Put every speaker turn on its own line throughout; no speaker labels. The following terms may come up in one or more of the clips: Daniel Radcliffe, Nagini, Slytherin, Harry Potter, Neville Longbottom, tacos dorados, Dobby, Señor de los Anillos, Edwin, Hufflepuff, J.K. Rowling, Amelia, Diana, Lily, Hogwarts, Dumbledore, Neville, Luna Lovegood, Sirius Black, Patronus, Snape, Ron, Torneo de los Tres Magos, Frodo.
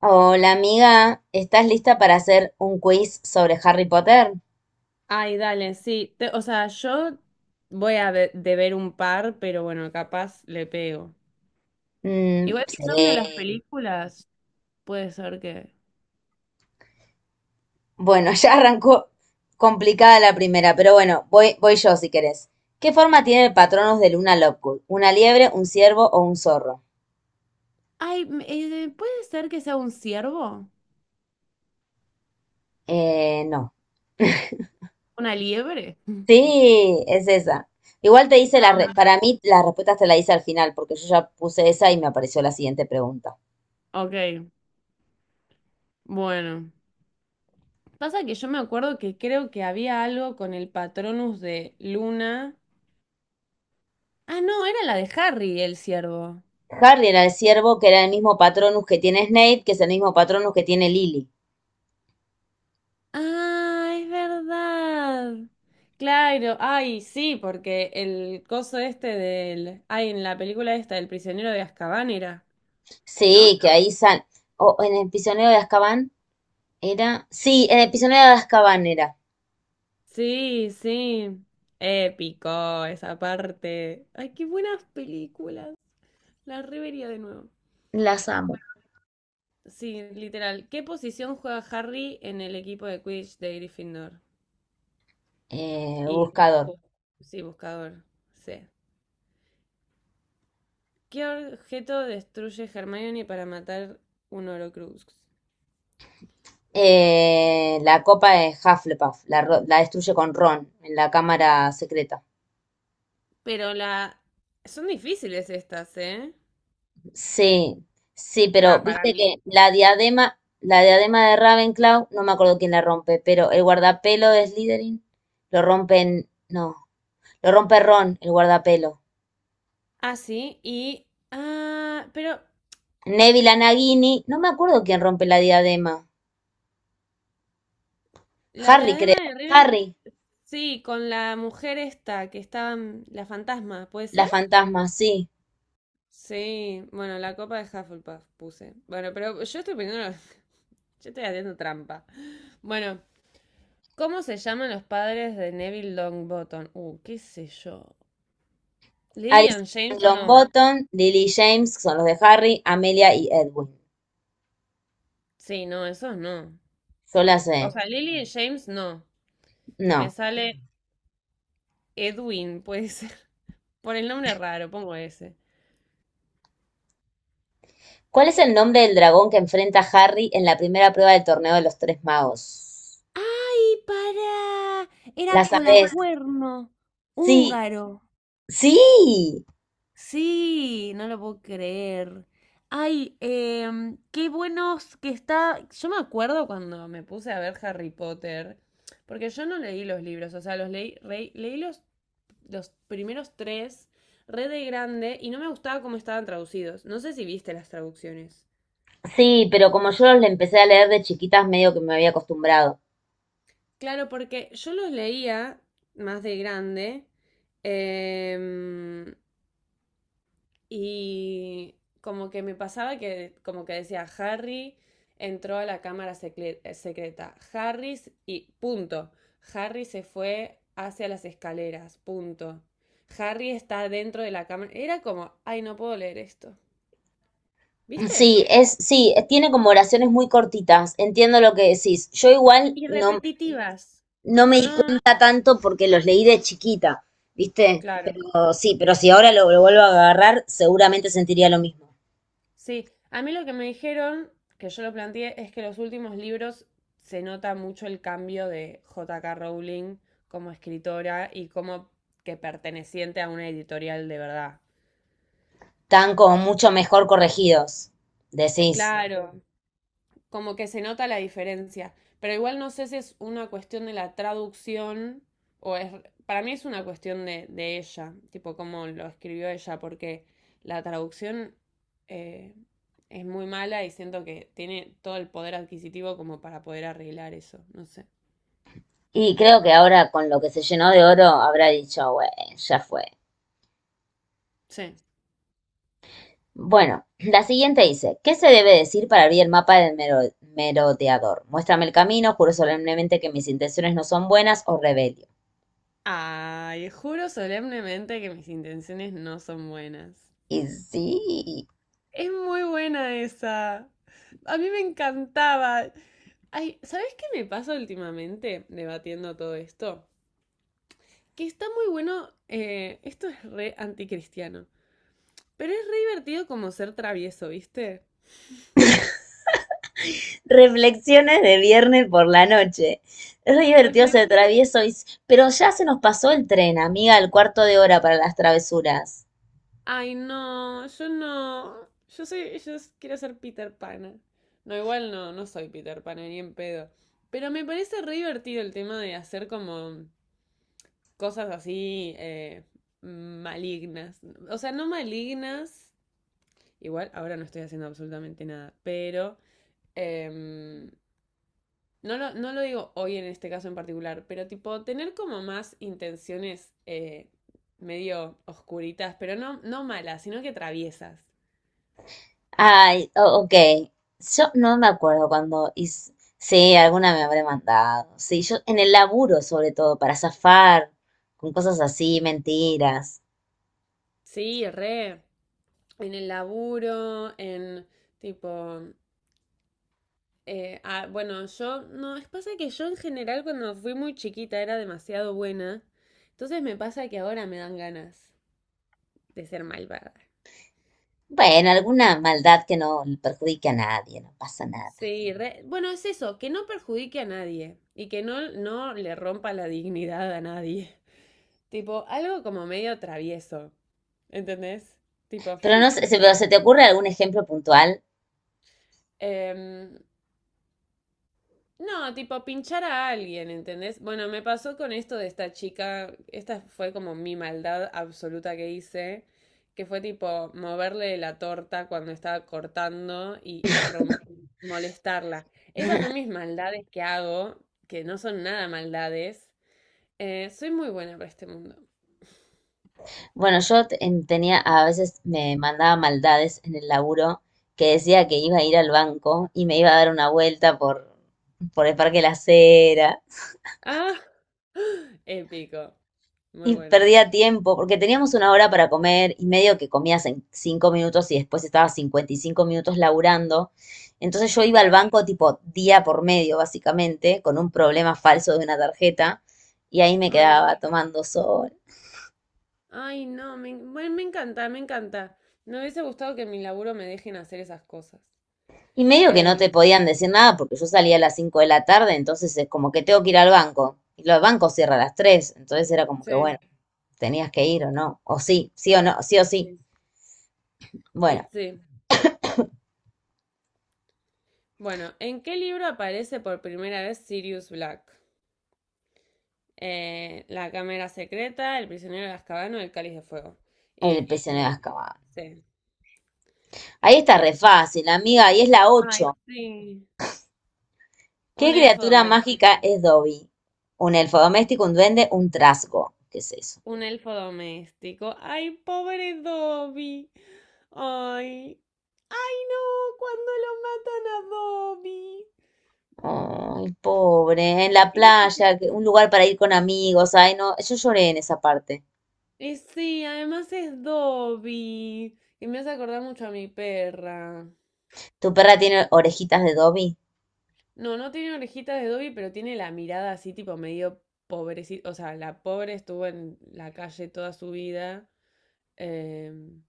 Hola amiga, ¿estás lista para hacer un quiz sobre Harry Potter?
Ay, dale, sí. O sea, yo voy a deber un par, pero bueno, capaz le pego.
Mm,
Igual si son de las
sí.
películas, puede ser que.
Bueno, ya arrancó complicada la primera, pero bueno, voy yo si querés. ¿Qué forma tiene el Patronus de Luna Lovegood? ¿Una liebre, un ciervo o un zorro?
Ay, ¿puede ser que sea un ciervo?
No.
¿Una liebre?
Sí, es esa. Igual te hice
Ah,
para mí las respuestas te la hice al final, porque yo ya puse esa y me apareció la siguiente pregunta.
ok, bueno. Pasa que yo me acuerdo que creo que había algo con el Patronus de Luna. Ah, no, era la de Harry, el ciervo.
Harry era el ciervo, que era el mismo Patronus que tiene Snape, que es el mismo Patronus que tiene Lily.
Ah, es verdad. Claro, ay, sí, porque el coso este del. Ay, en la película esta, El prisionero de Azkaban era,
Sí,
¿no?
que ahí sal. O en el prisionero de Azkaban era. Sí, en el prisionero de Azkaban era.
Sí, sí. Épico esa parte. Ay, qué buenas películas. La revería de nuevo.
Las amo.
Sí, literal. ¿Qué posición juega Harry en el equipo de Quidditch de Gryffindor? Y,
Buscador.
bu- sí, buscador. Sí. ¿Qué objeto destruye Hermione para matar un Horcrux?
La copa de Hufflepuff. La destruye con Ron en la cámara secreta.
Pero la. Son difíciles estas, ¿eh?
Sí, sí, pero
Va, para
viste
mí.
que la diadema de Ravenclaw, no me acuerdo quién la rompe, pero el guardapelo de Slytherin lo rompen. No, lo rompe Ron, el guardapelo.
Ah, sí, y. Ah, pero
Neville a Nagini, no me acuerdo quién rompe la diadema.
la
Harry
diadema
creo,
de Ravenclaw.
Harry,
Sí, con la mujer esta, que estaba la fantasma, ¿puede ser?
las fantasmas, sí,
Sí, bueno, la copa de Hufflepuff puse. Bueno, pero yo estoy poniendo. Yo estoy haciendo trampa. Bueno, ¿cómo se llaman los padres de Neville Longbottom? Qué sé yo. Lily
Alice
and James no.
Longbottom, Lily James, que son los de Harry, Amelia y Edwin.
Sí, no, esos no.
Yo las
O
sé.
sea, Lily y James no. Me
No.
sale Edwin, puede ser. Por el nombre raro, pongo ese.
¿Cuál es el nombre del dragón que enfrenta a Harry en la primera prueba del torneo de los tres magos?
¡Ay, pará! Era
¿La sabés?
Colacuerno,
Sí,
húngaro.
sí,
Sí, no lo puedo creer. Ay, qué buenos que está. Yo me acuerdo cuando me puse a ver Harry Potter, porque yo no leí los libros, o sea, los leí, leí los primeros tres, re de grande, y no me gustaba cómo estaban traducidos. No sé si viste las traducciones.
sí, pero como yo los empecé a leer de chiquitas, medio que me había acostumbrado.
Claro, porque yo los leía más de grande, em, y como que me pasaba que como que decía Harry entró a la cámara secreta. Harry y punto. Harry se fue hacia las escaleras, punto. Harry está dentro de la cámara. Era como, ay, no puedo leer esto. ¿Viste?
Sí, sí, tiene como oraciones muy cortitas, entiendo lo que decís. Yo igual
Y
no,
repetitivas.
no
Tipo,
me di
no,
cuenta tanto porque los leí de chiquita, ¿viste?
claro.
Pero sí, pero si ahora lo vuelvo a agarrar, seguramente sentiría lo mismo.
Sí, a mí lo que me dijeron, que yo lo planteé, es que los últimos libros se nota mucho el cambio de J.K. Rowling como escritora y como que perteneciente a una editorial de verdad.
Están como mucho mejor corregidos, decís.
Claro, como que se nota la diferencia. Pero igual no sé si es una cuestión de la traducción o es. Para mí es una cuestión de ella, tipo cómo lo escribió ella, porque la traducción, eh, es muy mala y siento que tiene todo el poder adquisitivo como para poder arreglar eso, no sé.
Y creo que ahora con lo que se llenó de oro habrá dicho, güey, ya fue.
Sí.
Bueno, la siguiente dice, ¿qué se debe decir para abrir el mapa del merodeador? Muéstrame el camino, juro solemnemente que mis intenciones no son buenas o rebelio.
Ay, juro solemnemente que mis intenciones no son buenas.
Y sí.
Es muy buena esa. A mí me encantaba. Ay, ¿sabes qué me pasa últimamente debatiendo todo esto? Que está muy bueno, esto es re anticristiano, pero es re divertido como ser travieso, ¿viste?
Reflexiones de viernes por la noche. Es re divertido ser
Reflexión.
travieso, y- pero ya se nos pasó el tren, amiga, el cuarto de hora para las travesuras.
Ay, no, yo no. Yo soy, quiero ser Peter Pan. No, igual no, no soy Peter Pan, ni en pedo. Pero me parece re divertido el tema de hacer como cosas así, malignas. O sea, no malignas, igual ahora no estoy haciendo absolutamente nada, pero, em, no, no lo digo hoy en este caso en particular, pero tipo tener como más intenciones, medio oscuritas, pero no, no malas, sino que traviesas.
Ay, ok. Yo no me acuerdo cuando... hice- Sí, alguna me habré mandado. Sí, yo en el laburo sobre todo, para zafar, con cosas así, mentiras.
Sí, re, en el laburo, en tipo, ah, bueno, yo, no, es pasa que yo en general cuando fui muy chiquita era demasiado buena, entonces me pasa que ahora me dan ganas de ser malvada.
Bueno, alguna maldad que no perjudique a nadie, no pasa nada.
Sí, bueno, es eso, que no perjudique a nadie y que no, no le rompa la dignidad a nadie. Tipo, algo como medio travieso, ¿entendés? Tipo,
Pero no sé, pero ¿se te ocurre algún ejemplo puntual?
em, no, tipo pinchar a alguien, ¿entendés? Bueno, me pasó con esto de esta chica, esta fue como mi maldad absoluta que hice, que fue tipo moverle la torta cuando estaba cortando y molestarla. Esas son mis maldades que hago, que no son nada maldades. Soy muy buena para este mundo.
Bueno, tenía, a veces me mandaba maldades en el laburo que decía que iba a ir al banco y me iba a dar una vuelta por el Parque La Cera
Ah, épico. Muy
y
bueno.
perdía tiempo porque teníamos una hora para comer y medio que comías en 5 minutos y después estaba 5 minutos laburando. Entonces yo iba al
Claro.
banco tipo día por medio, básicamente, con un problema falso de una tarjeta y ahí me
Ay, no.
quedaba tomando sol.
Ay, no, bueno, me encanta, me encanta. Me hubiese gustado que en mi laburo me dejen hacer esas cosas.
Y medio que no te
Em,
podían decir nada porque yo salía a las 5 de la tarde, entonces es como que tengo que ir al banco. Y los bancos cierran a las 3 entonces era como que, bueno,
sí,
tenías que ir o no. O sí, sí o no, sí o
y
sí.
sí, y
Bueno,
sí. Bueno, ¿en qué libro aparece por primera vez Sirius Black? La Cámara Secreta, el Prisionero de Azkaban o el Cáliz de Fuego.
el
Y,
prisionero de Azkaban.
sí,
Ahí está re
yes.
fácil, amiga, ahí es la
Ay,
8.
sí. Un
¿Qué
elfo
criatura
doméstico.
mágica es Dobby? Un elfo doméstico, un duende, un trasgo. ¿Qué es eso?
Un elfo doméstico. Ay, pobre Dobby. Ay. Ay, no, cuando lo matan a Dobby.
Ay, pobre, en la
Era súper.
playa, que- un lugar para ir con amigos. Ay, no, yo lloré en esa parte.
Y sí, además es Dobby. Y me hace acordar mucho a mi perra.
¿Tu perra tiene orejitas de Dobby?
No, no tiene orejitas de Dobby, pero tiene la mirada así, tipo medio pobrecita. O sea, la pobre estuvo en la calle toda su vida, em,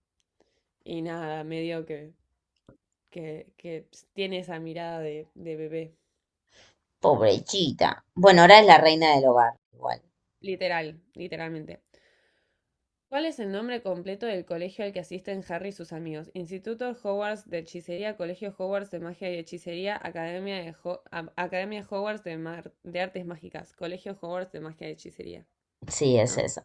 y nada, medio que, tiene esa mirada de bebé.
Pobrecita. Bueno, ahora es la reina del hogar, igual.
Literal, literalmente. ¿Cuál es el nombre completo del colegio al que asisten Harry y sus amigos? Instituto Hogwarts de Hechicería, Colegio Hogwarts de Magia y Hechicería, Academia, Academia Hogwarts de Artes Mágicas, Colegio Hogwarts de Magia y Hechicería,
Sí, es
¿no?
eso.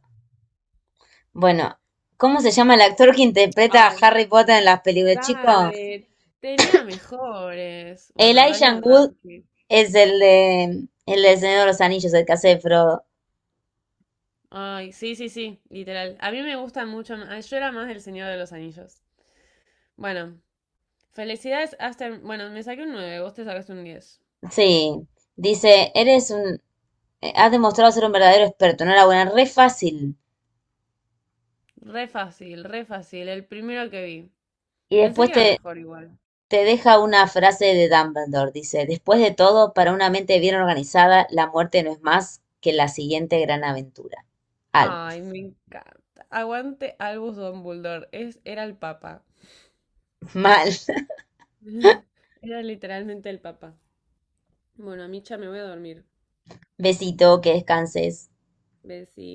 Bueno, ¿cómo se llama el actor que interpreta a
Ay,
Harry Potter en las películas, chicos?
dale, tenía mejores. Bueno,
Elijah
Daniel
Wood
Radcliffe.
es el de el del Señor de los Anillos, el que hace de Frodo.
Ay, sí, sí, sí, literal. A mí me gustan mucho. Yo era más del Señor de los Anillos. Bueno, felicidades, Aster. Bueno, me saqué un 9, vos te sacaste un 10.
Sí. Dice, eres un, has demostrado ser un verdadero experto, no buena, re fácil.
Re fácil, re fácil. El primero que vi.
Y
Pensé
después
que era
te,
mejor igual.
te deja una frase de Dumbledore, dice, después de todo, para una mente bien organizada, la muerte no es más que la siguiente gran aventura. Algo.
Ay, me encanta. Aguante Albus Dumbledore. Era el papa.
Mal.
Era literalmente el papa. Bueno, Micha, me voy a dormir.
Besito, que descanses.
Besí.